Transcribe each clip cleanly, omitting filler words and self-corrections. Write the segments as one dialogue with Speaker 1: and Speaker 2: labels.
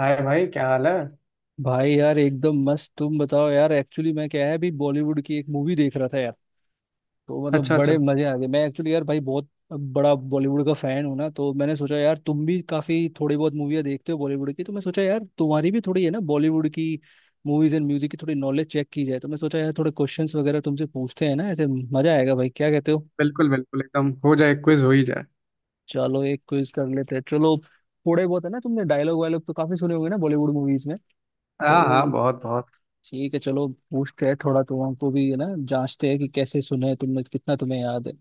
Speaker 1: हाय भाई, क्या हाल है।
Speaker 2: भाई यार एकदम मस्त। तुम बताओ यार। एक्चुअली मैं क्या है अभी बॉलीवुड की एक मूवी देख रहा था यार। तो मतलब
Speaker 1: अच्छा
Speaker 2: बड़े
Speaker 1: अच्छा।
Speaker 2: मजे आ गए। मैं एक्चुअली यार भाई बहुत बड़ा बॉलीवुड का फैन हूं ना। तो मैंने सोचा यार तुम भी काफी थोड़ी बहुत मूवियाँ देखते हो बॉलीवुड की। तो मैं सोचा यार तुम्हारी भी थोड़ी है ना बॉलीवुड की मूवीज एंड म्यूजिक की थोड़ी नॉलेज चेक की जाए। तो मैं सोचा यार थोड़े क्वेश्चंस वगैरह तुमसे पूछते हैं ना, ऐसे मजा आएगा भाई, क्या कहते हो?
Speaker 1: बिल्कुल बिल्कुल, एकदम हो जाए, क्विज हो ही जाए।
Speaker 2: चलो एक क्विज कर लेते हैं। चलो थोड़े बहुत है ना, तुमने डायलॉग वायलॉग तो काफी सुने होंगे ना बॉलीवुड मूवीज में।
Speaker 1: हाँ हाँ,
Speaker 2: तो
Speaker 1: बहुत बहुत।
Speaker 2: ठीक है, चलो पूछते हैं। थोड़ा तो हमको भी है ना जांचते हैं कि कैसे सुने हैं तुमने, कितना तुम्हें याद है।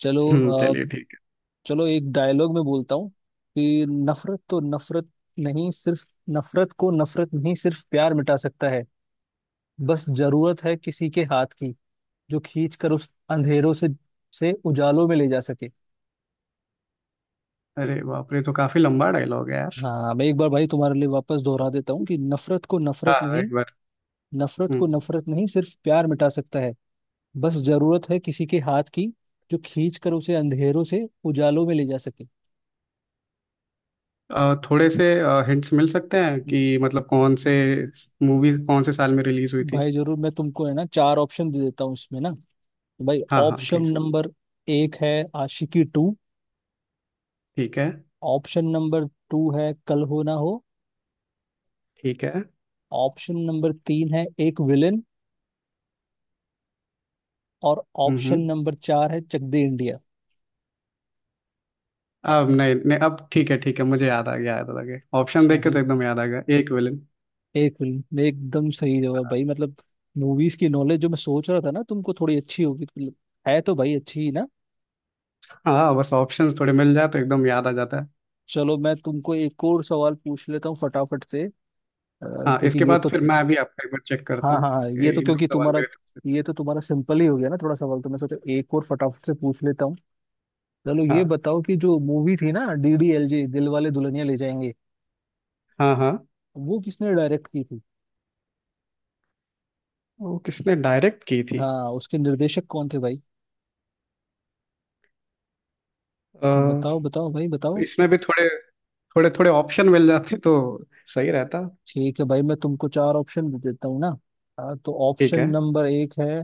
Speaker 2: चलो। अ,
Speaker 1: चलिए ठीक
Speaker 2: चलो एक डायलॉग में बोलता हूँ कि नहीं सिर्फ नफरत को नफरत नहीं सिर्फ प्यार मिटा सकता है। बस जरूरत है किसी के हाथ की जो खींच कर उस अंधेरों से उजालों में ले जा सके।
Speaker 1: है। अरे बाप रे, तो काफी लंबा डायलॉग है यार।
Speaker 2: हाँ मैं एक बार भाई तुम्हारे लिए वापस दोहरा देता हूँ कि
Speaker 1: हाँ हाँ, एक बार।
Speaker 2: नफरत को
Speaker 1: हम्म।
Speaker 2: नफरत नहीं सिर्फ प्यार मिटा सकता है। बस जरूरत है किसी के हाथ की जो खींच कर उसे अंधेरों से उजालों में ले जा सके।
Speaker 1: थोड़े से हिंट्स मिल सकते हैं कि मतलब कौन से मूवी, कौन से साल में रिलीज हुई थी।
Speaker 2: भाई जरूर, मैं तुमको है ना चार ऑप्शन दे देता हूँ इसमें ना। तो भाई
Speaker 1: हाँ हाँ,
Speaker 2: ऑप्शन
Speaker 1: प्लीज।
Speaker 2: नंबर एक है आशिकी टू।
Speaker 1: ठीक है।
Speaker 2: ऑप्शन नंबर टू है कल हो ना हो।
Speaker 1: ठीक है।
Speaker 2: ऑप्शन नंबर तीन है एक विलन। और ऑप्शन
Speaker 1: हम्म।
Speaker 2: नंबर चार है चक दे इंडिया।
Speaker 1: अब नहीं नहीं, अब ठीक है ठीक है, मुझे याद आ गया, याद आ गया। ऑप्शन
Speaker 2: अच्छा
Speaker 1: देख के
Speaker 2: भाई,
Speaker 1: तो एकदम याद आ गया, एक विलन।
Speaker 2: एक विलन एकदम सही जवाब भाई। मतलब मूवीज की नॉलेज जो मैं सोच रहा था ना तुमको थोड़ी अच्छी होगी। मतलब है तो भाई अच्छी ही ना।
Speaker 1: हाँ, बस ऑप्शंस थोड़े मिल जाए तो एकदम याद आ जाता है।
Speaker 2: चलो मैं तुमको एक और सवाल पूछ लेता हूँ फटाफट से।
Speaker 1: हाँ, इसके
Speaker 2: क्योंकि ये
Speaker 1: बाद
Speaker 2: तो
Speaker 1: फिर मैं अभी आपका एक बार चेक करता
Speaker 2: हाँ हाँ
Speaker 1: हूँ।
Speaker 2: हाँ,
Speaker 1: एक दो सवाल मेरे तरफ से।
Speaker 2: ये तो तुम्हारा सिंपल ही हो गया ना थोड़ा सवाल, तो मैं सोचा एक और फटाफट से पूछ लेता हूँ। चलो ये
Speaker 1: हाँ
Speaker 2: बताओ कि जो मूवी थी ना डीडीएलजे, दिल वाले दुल्हनिया ले जाएंगे,
Speaker 1: हाँ। हाँ,
Speaker 2: वो किसने डायरेक्ट की थी?
Speaker 1: वो किसने डायरेक्ट की थी।
Speaker 2: हाँ उसके निर्देशक कौन थे भाई? बताओ
Speaker 1: तो
Speaker 2: बताओ भाई बताओ।
Speaker 1: इसमें भी थोड़े थोड़े थोड़े ऑप्शन मिल जाते तो सही रहता।
Speaker 2: ठीक है भाई, मैं तुमको चार ऑप्शन दे देता हूँ ना। हाँ, तो
Speaker 1: ठीक
Speaker 2: ऑप्शन
Speaker 1: है।
Speaker 2: नंबर एक है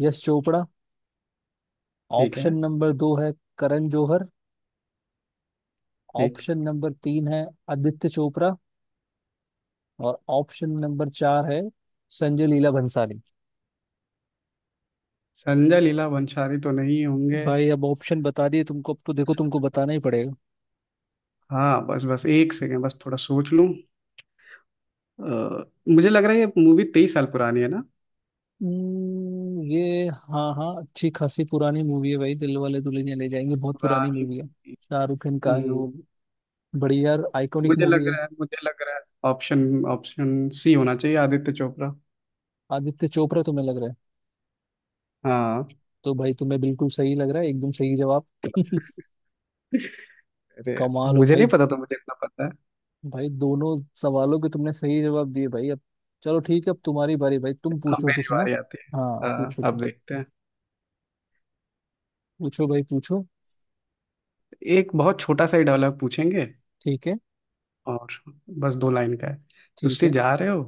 Speaker 2: यश चोपड़ा।
Speaker 1: ठीक है।
Speaker 2: ऑप्शन नंबर दो है करण जौहर।
Speaker 1: ठीक।
Speaker 2: ऑप्शन नंबर तीन है आदित्य चोपड़ा। और ऑप्शन नंबर चार है संजय लीला भंसाली।
Speaker 1: संजय लीला भंसाली तो नहीं होंगे।
Speaker 2: भाई अब ऑप्शन बता दिए तुमको, अब तो देखो तुमको बताना ही पड़ेगा।
Speaker 1: हाँ बस बस, एक सेकेंड, बस थोड़ा सोच लूँ। मुझे लग रहा है ये मूवी 23 साल पुरानी है ना।
Speaker 2: ये हाँ हाँ अच्छी खासी पुरानी मूवी है भाई। दिल वाले दुल्हनिया ले जाएंगे बहुत पुरानी
Speaker 1: पुरानी।
Speaker 2: मूवी है, शाहरुख खान का
Speaker 1: हम्म,
Speaker 2: जो बड़ी यार आइकॉनिक
Speaker 1: मुझे
Speaker 2: मूवी
Speaker 1: लग
Speaker 2: है।
Speaker 1: रहा है, मुझे लग रहा है ऑप्शन, ऑप्शन सी होना चाहिए, आदित्य चोपड़ा।
Speaker 2: आदित्य चोपड़ा तुम्हें लग रहा है?
Speaker 1: हाँ।
Speaker 2: तो भाई तुम्हें बिल्कुल सही लग रहा है, एकदम सही जवाब।
Speaker 1: अरे यार,
Speaker 2: कमाल हो
Speaker 1: मुझे
Speaker 2: भाई।
Speaker 1: नहीं पता था, मुझे इतना पता है।
Speaker 2: भाई दोनों सवालों के तुमने सही जवाब दिए भाई। अब चलो ठीक है, अब तुम्हारी बारी भाई, तुम
Speaker 1: अब
Speaker 2: पूछो
Speaker 1: मेरी
Speaker 2: कुछ ना।
Speaker 1: बारी आती है।
Speaker 2: हाँ
Speaker 1: हाँ,
Speaker 2: पूछो तुम।
Speaker 1: अब देखते हैं।
Speaker 2: पूछो भाई पूछो।
Speaker 1: एक बहुत छोटा सा ही डायलॉग पूछेंगे।
Speaker 2: ठीक है
Speaker 1: और बस दो लाइन का है।
Speaker 2: ठीक
Speaker 1: तुसी
Speaker 2: है।
Speaker 1: जा रहे हो,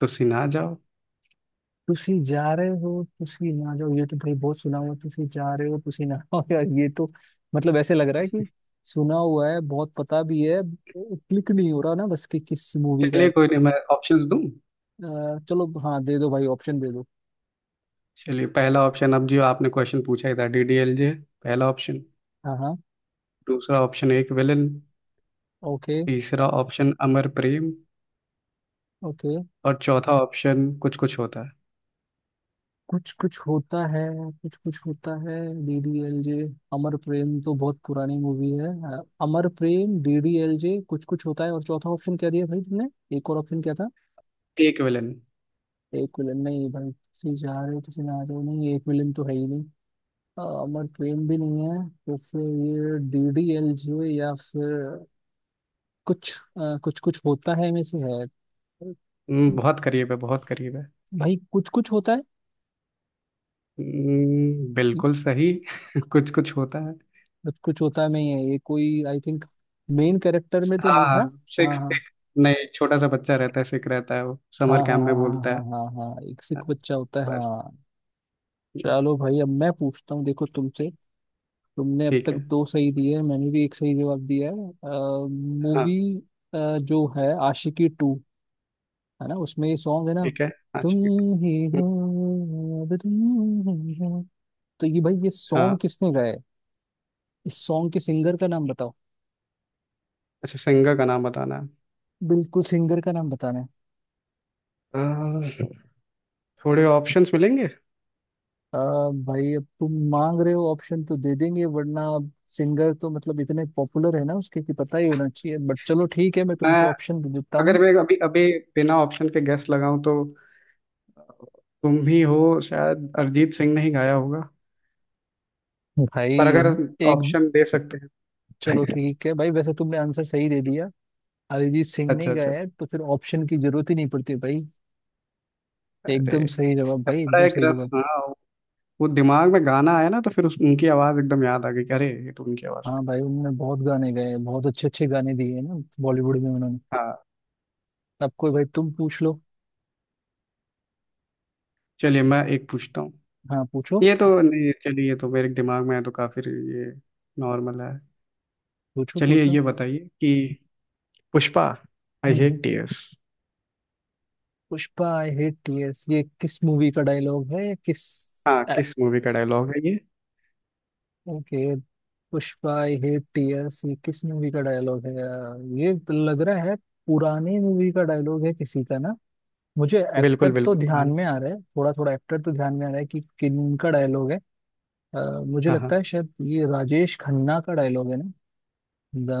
Speaker 1: तुसी ना जाओ।
Speaker 2: तुसी जा रहे हो तुसी ना जाओ, ये तो भाई बहुत सुना हुआ है, तुसी जा रहे हो तुसी ना हो, यार ये तो मतलब ऐसे लग रहा है कि सुना हुआ है बहुत, पता भी है, क्लिक नहीं हो रहा ना बस कि किस मूवी का है।
Speaker 1: चलिए कोई नहीं, मैं ऑप्शंस दूं।
Speaker 2: चलो हाँ दे दो भाई ऑप्शन दे दो।
Speaker 1: चलिए पहला ऑप्शन, अब जो आपने क्वेश्चन पूछा ही था, डीडीएलजे पहला ऑप्शन।
Speaker 2: हाँ हाँ।
Speaker 1: दूसरा ऑप्शन एक विलन।
Speaker 2: ओके
Speaker 1: तीसरा ऑप्शन अमर प्रेम।
Speaker 2: ओके।
Speaker 1: और चौथा ऑप्शन कुछ कुछ होता है।
Speaker 2: कुछ कुछ होता है। कुछ कुछ होता है, डीडीएलजे, अमर प्रेम तो बहुत पुरानी मूवी है। अमर प्रेम, डीडीएलजे, कुछ कुछ होता है, और चौथा ऑप्शन क्या दिया भाई तुमने? एक और ऑप्शन क्या था?
Speaker 1: एक विलन।
Speaker 2: एक विलन नहीं भाई, किसी जा रहे हो किसी ना रहे हो नहीं, एक विलन तो है ही नहीं। अमर प्रेम भी नहीं है, तो फिर ये डीडीएलजे या फिर कुछ कुछ होता है में से है।
Speaker 1: बहुत करीब है, बहुत करीब है।
Speaker 2: भाई कुछ कुछ होता है।
Speaker 1: बिल्कुल सही। कुछ कुछ होता है।
Speaker 2: कुछ कुछ होता है में ही है ये, कोई आई थिंक मेन कैरेक्टर में तो नहीं
Speaker 1: हाँ
Speaker 2: था। हाँ
Speaker 1: सिक्स
Speaker 2: हाँ
Speaker 1: एक। नहीं, छोटा सा बच्चा रहता है, सिख रहता है, वो
Speaker 2: हाँ
Speaker 1: समर
Speaker 2: हाँ
Speaker 1: कैंप
Speaker 2: हाँ
Speaker 1: में
Speaker 2: हाँ
Speaker 1: बोलता है।
Speaker 2: हाँ हाँ हाँ हाँ, एक सिख
Speaker 1: हाँ,
Speaker 2: बच्चा होता है
Speaker 1: बस।
Speaker 2: हाँ। चलो भाई अब मैं पूछता हूँ देखो तुमसे। तुमने अब
Speaker 1: ठीक
Speaker 2: तक
Speaker 1: है।
Speaker 2: दो सही दिए हैं, मैंने भी एक सही जवाब दिया है।
Speaker 1: हाँ,
Speaker 2: मूवी जो है आशिकी टू, है ना, उसमें ये सॉन्ग है ना,
Speaker 1: ठीक है। हाँ
Speaker 2: तुम
Speaker 1: शिट।
Speaker 2: ही
Speaker 1: हम्म।
Speaker 2: हो, अब तुम ही हो, तो ये भाई ये
Speaker 1: हाँ।
Speaker 2: सॉन्ग किसने गाया है? इस सॉन्ग के सिंगर का नाम बताओ।
Speaker 1: अच्छा, सिंगर का नाम बताना है।
Speaker 2: बिल्कुल सिंगर का नाम बताना है।
Speaker 1: आ, थोड़े ऑप्शंस मिलेंगे।
Speaker 2: आ, भाई अब तुम मांग रहे हो ऑप्शन तो दे देंगे, वरना अब सिंगर तो मतलब इतने पॉपुलर है ना उसके कि पता ही होना चाहिए, बट चलो ठीक है मैं
Speaker 1: मैं
Speaker 2: तुमको ऑप्शन दे देता हूँ।
Speaker 1: अगर मैं अभी अभी बिना ऑप्शन के गेस लगाऊं तो तुम ही हो, शायद अरिजीत सिंह ने ही गाया होगा।
Speaker 2: भाई
Speaker 1: पर अगर
Speaker 2: एक।
Speaker 1: ऑप्शन दे सकते हैं।
Speaker 2: चलो ठीक है भाई, वैसे तुमने आंसर सही दे दिया, अरिजीत सिंह
Speaker 1: अच्छा
Speaker 2: नहीं
Speaker 1: अच्छा।
Speaker 2: गाया है तो फिर ऑप्शन की जरूरत ही नहीं पड़ती भाई।
Speaker 1: अरे
Speaker 2: एकदम सही जवाब भाई,
Speaker 1: बड़ा
Speaker 2: एकदम
Speaker 1: एक
Speaker 2: सही
Speaker 1: रफ,
Speaker 2: जवाब।
Speaker 1: हाँ। वो दिमाग में गाना आया ना, तो फिर उस उनकी आवाज एकदम याद आ गई कि अरे ये तो उनकी आवाज
Speaker 2: हाँ
Speaker 1: थी।
Speaker 2: भाई उन्होंने बहुत गाने गाए हैं, बहुत अच्छे अच्छे गाने दिए हैं ना बॉलीवुड में उन्होंने।
Speaker 1: हाँ।
Speaker 2: अब कोई भाई तुम पूछ लो।
Speaker 1: चलिए मैं एक पूछता हूँ।
Speaker 2: हाँ पूछो
Speaker 1: ये तो नहीं, चलिए ये तो मेरे दिमाग में है तो काफी, ये नॉर्मल है।
Speaker 2: पूछो
Speaker 1: चलिए
Speaker 2: पूछो।
Speaker 1: ये बताइए कि Pushpa, I
Speaker 2: hmm
Speaker 1: hate
Speaker 2: hmm.
Speaker 1: Tears.
Speaker 2: Pushpa I hate tears, ये किस मूवी का डायलॉग है? किस?
Speaker 1: हाँ, किस मूवी का डायलॉग है ये।
Speaker 2: Okay. Pushpa I hate tears, ये किस मूवी का डायलॉग है? ये तो लग रहा है पुरानी मूवी का डायलॉग है किसी का ना। मुझे एक्टर
Speaker 1: बिल्कुल,
Speaker 2: तो
Speaker 1: बिल्कुल
Speaker 2: ध्यान
Speaker 1: पुराना।
Speaker 2: में आ रहा है, थोड़ा थोड़ा एक्टर तो ध्यान में आ रहा है कि किन का डायलॉग है। अ, मुझे
Speaker 1: हाँ
Speaker 2: लगता
Speaker 1: हाँ।
Speaker 2: है शायद ये राजेश खन्ना का डायलॉग है ना,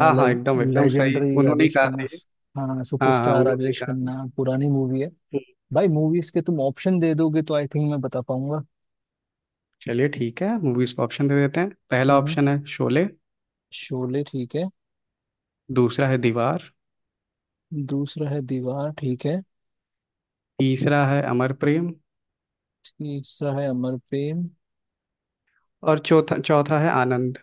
Speaker 1: हाँ हाँ एकदम, एकदम सही,
Speaker 2: लेजेंडरी
Speaker 1: उन्होंने ही
Speaker 2: राजेश
Speaker 1: कहा था
Speaker 2: खन्ना।
Speaker 1: ये।
Speaker 2: हाँ
Speaker 1: हाँ हाँ,
Speaker 2: सुपरस्टार
Speaker 1: उन्होंने ही
Speaker 2: राजेश
Speaker 1: कहा था।
Speaker 2: खन्ना, पुरानी मूवी है।
Speaker 1: हम्म।
Speaker 2: भाई मूवीज के तुम ऑप्शन दे दोगे तो आई थिंक मैं बता पाऊंगा।
Speaker 1: चलिए ठीक है, मूवीज को ऑप्शन दे देते हैं। पहला
Speaker 2: हम्म,
Speaker 1: ऑप्शन है शोले।
Speaker 2: शोले ठीक है।
Speaker 1: दूसरा है दीवार।
Speaker 2: दूसरा है दीवार ठीक है।
Speaker 1: तीसरा है अमर प्रेम।
Speaker 2: तीसरा है अमर प्रेम।
Speaker 1: और चौथा, चौथा है आनंद।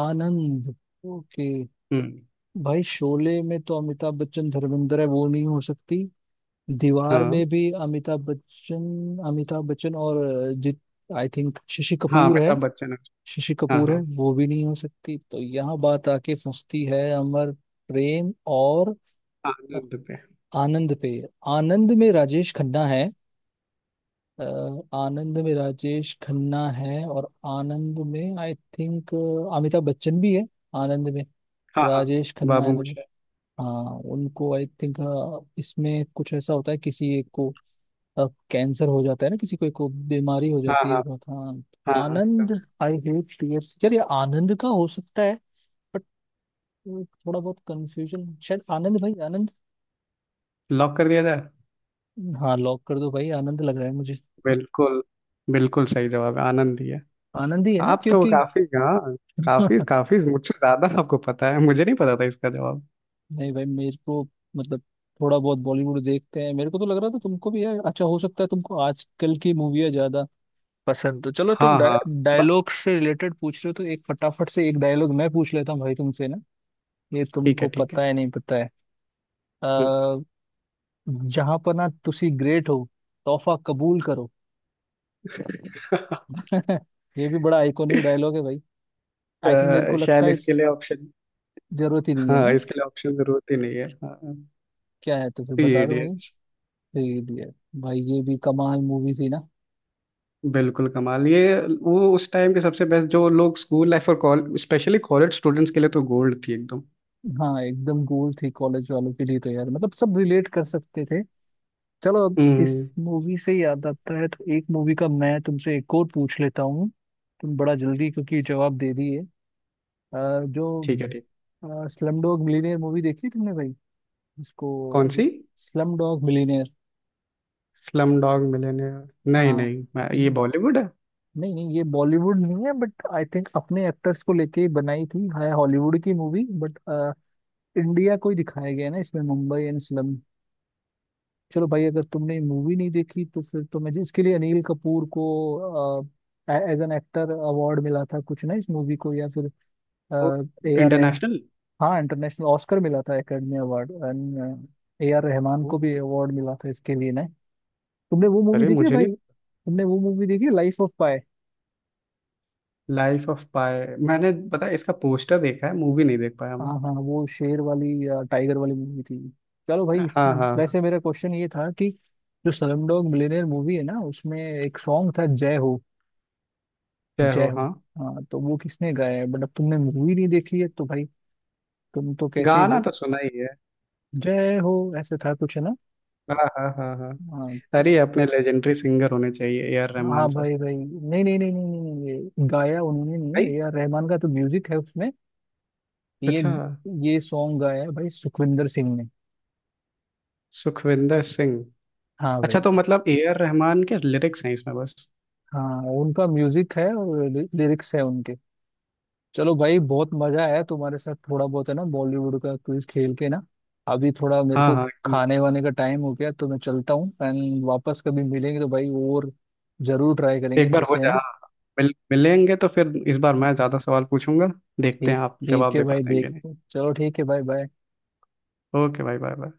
Speaker 2: आनंद ओके।
Speaker 1: हम्म।
Speaker 2: भाई शोले में तो अमिताभ बच्चन धर्मेंद्र है, वो नहीं हो सकती। दीवार
Speaker 1: हाँ
Speaker 2: में भी अमिताभ बच्चन, अमिताभ बच्चन और जित आई थिंक शशि
Speaker 1: हाँ,
Speaker 2: कपूर है।
Speaker 1: अमिताभ बच्चन।
Speaker 2: शशि
Speaker 1: हाँ
Speaker 2: कपूर है,
Speaker 1: हाँ,
Speaker 2: वो भी नहीं हो सकती। तो यहाँ बात आके फंसती है अमर प्रेम और
Speaker 1: आनंद पे।
Speaker 2: आनंद पे। आनंद में राजेश खन्ना है। अ, आनंद में राजेश खन्ना है और आनंद में आई थिंक अमिताभ बच्चन भी है। आनंद में
Speaker 1: हाँ हाँ,
Speaker 2: राजेश खन्ना
Speaker 1: बाबू
Speaker 2: है।
Speaker 1: मोशाय।
Speaker 2: हाँ उनको आई थिंक इसमें कुछ ऐसा होता है, किसी एक को कैंसर हो जाता है ना, किसी को एक को बीमारी हो
Speaker 1: हाँ
Speaker 2: जाती है
Speaker 1: हाँ।
Speaker 2: बहुत हाँ।
Speaker 1: हाँ हाँ एकदम।
Speaker 2: आनंद, आई हेट टीयर्स यार, ये आनंद का हो सकता है। बट थोड़ा बहुत कंफ्यूजन, शायद आनंद भाई, आनंद।
Speaker 1: लॉक कर दिया जाए।
Speaker 2: हाँ लॉक कर दो भाई, आनंद लग रहा है मुझे।
Speaker 1: बिल्कुल, बिल्कुल सही जवाब है, आनंद ही है।
Speaker 2: आनंद ही है ना
Speaker 1: आप तो
Speaker 2: क्योंकि
Speaker 1: काफी, हाँ, काफी काफी मुझसे ज्यादा आपको पता है, मुझे नहीं पता था इसका जवाब।
Speaker 2: नहीं भाई मेरे को मतलब थोड़ा बहुत बॉलीवुड देखते हैं। मेरे को तो लग रहा था तुमको भी है, अच्छा हो सकता है तुमको आजकल की मूवियाँ ज्यादा पसंद। तो चलो तुम
Speaker 1: हाँ हाँ। ब-।
Speaker 2: डायलॉग से रिलेटेड पूछ रहे हो तो एक फटाफट से एक डायलॉग मैं पूछ लेता हूँ भाई तुमसे ना, ये
Speaker 1: ठीक है
Speaker 2: तुमको
Speaker 1: ठीक है।
Speaker 2: पता है नहीं पता है।
Speaker 1: हम्म।
Speaker 2: अः जहां पर ना तुसी ग्रेट हो, तोहफा कबूल करो। ये भी बड़ा आइकॉनिक डायलॉग है भाई। आई थिंक मेरे को लगता
Speaker 1: शायद
Speaker 2: है इस
Speaker 1: इसके लिए ऑप्शन।
Speaker 2: जरूरत ही नहीं है
Speaker 1: हाँ,
Speaker 2: ना।
Speaker 1: इसके लिए ऑप्शन जरूरत ही नहीं है, हाँ।
Speaker 2: क्या है तो फिर
Speaker 1: थ्री
Speaker 2: बता दो भाई।
Speaker 1: इडियट्स।
Speaker 2: फिर ये- भाई ये भी कमाल मूवी थी ना।
Speaker 1: बिल्कुल कमाल ये, वो उस टाइम के सबसे बेस्ट, जो लोग स्कूल लाइफ और कॉलेज, स्पेशली कॉलेज स्टूडेंट्स के लिए तो गोल्ड थी एकदम।
Speaker 2: हाँ एकदम गोल थी कॉलेज वालों के लिए तो यार, मतलब सब रिलेट कर सकते थे। चलो अब
Speaker 1: हम्म।
Speaker 2: इस मूवी से याद आता है तो एक मूवी का मैं तुमसे एक और पूछ लेता हूँ। तुम बड़ा जल्दी क्योंकि जवाब दे दिए। जो
Speaker 1: ठीक है, ठीक।
Speaker 2: स्लम डॉग मिलीनियर मूवी, देखी तुमने भाई इसको,
Speaker 1: कौन सी।
Speaker 2: Slumdog Millionaire?
Speaker 1: Slumdog Millionaire. नहीं
Speaker 2: हाँ
Speaker 1: नहीं, मैं
Speaker 2: ये
Speaker 1: ये
Speaker 2: नहीं,
Speaker 1: बॉलीवुड है।
Speaker 2: नहीं नहीं, ये बॉलीवुड नहीं है बट आई थिंक अपने एक्टर्स को लेके ही बनाई थी है, हॉलीवुड की मूवी बट इंडिया को ही दिखाया गया है ना इसमें, मुंबई एंड। चलो भाई अगर तुमने मूवी नहीं देखी तो फिर तो मैं जिसके लिए अनिल कपूर को एज एन एक्टर अवार्ड मिला था कुछ ना इस मूवी को, या फिर
Speaker 1: वो
Speaker 2: ए आर रहम
Speaker 1: इंटरनेशनल।
Speaker 2: हाँ इंटरनेशनल ऑस्कर मिला था, academy award, and A R Rahman को भी
Speaker 1: ओके।
Speaker 2: अवार्ड मिला था इसके लिए ना। तुमने वो मूवी
Speaker 1: अरे
Speaker 2: देखी है
Speaker 1: मुझे नहीं।
Speaker 2: भाई, तुमने वो मूवी देखी है Life of Pi?
Speaker 1: Life of Pi. मैंने, पता है, इसका पोस्टर देखा है, मूवी नहीं देख पाया मैं।
Speaker 2: हाँ हाँ, वो शेर वाली टाइगर वाली मूवी थी। चलो भाई
Speaker 1: हाँ
Speaker 2: इस-
Speaker 1: हाँ हाँ।
Speaker 2: वैसे मेरा क्वेश्चन ये था कि जो स्लमडॉग मिलियनेयर मूवी है ना उसमें एक सॉन्ग था जय हो।
Speaker 1: जय
Speaker 2: जय
Speaker 1: हो।
Speaker 2: हो
Speaker 1: हाँ,
Speaker 2: हाँ, तो वो किसने गाया है, बट अब तुमने मूवी नहीं देखी है तो भाई तुम तो कैसे ही
Speaker 1: गाना तो सुना ही है।
Speaker 2: जय हो ऐसे था कुछ है ना।
Speaker 1: हाँ हाँ हाँ हाँ।
Speaker 2: हाँ तो
Speaker 1: अरे अपने लेजेंडरी सिंगर होने चाहिए, ए आर रहमान
Speaker 2: हाँ
Speaker 1: सर।
Speaker 2: भाई भाई नहीं, नहीं नहीं नहीं नहीं नहीं, ये गाया उन्होंने नहीं है।
Speaker 1: भाई।
Speaker 2: ए आर रहमान का तो म्यूजिक है उसमें, ये
Speaker 1: अच्छा।
Speaker 2: ये सॉन्ग गाया है भाई सुखविंदर सिंह ने।
Speaker 1: सुखविंदर सिंह।
Speaker 2: हाँ
Speaker 1: अच्छा,
Speaker 2: भाई,
Speaker 1: तो मतलब ए आर रहमान के लिरिक्स हैं इसमें बस।
Speaker 2: हाँ उनका म्यूजिक है और लिरिक्स है उनके। चलो भाई बहुत मजा आया तुम्हारे साथ, थोड़ा बहुत है ना बॉलीवुड का क्विज खेल के ना। अभी थोड़ा मेरे
Speaker 1: हाँ
Speaker 2: को
Speaker 1: हाँ एकदम।
Speaker 2: खाने वाने का टाइम हो गया तो मैं चलता हूँ, एंड वापस कभी मिलेंगे तो भाई और जरूर ट्राई करेंगे
Speaker 1: एक बार
Speaker 2: फिर
Speaker 1: हो
Speaker 2: से है ना।
Speaker 1: जाए, मिल मिलेंगे तो फिर इस बार मैं ज़्यादा सवाल पूछूंगा, देखते
Speaker 2: ठीक।
Speaker 1: हैं आप
Speaker 2: ठीक
Speaker 1: जवाब
Speaker 2: है
Speaker 1: दे
Speaker 2: भाई
Speaker 1: पाते हैं कि नहीं।
Speaker 2: देखते हैं। चलो ठीक है भाई बाय।
Speaker 1: ओके भाई, बाय बाय।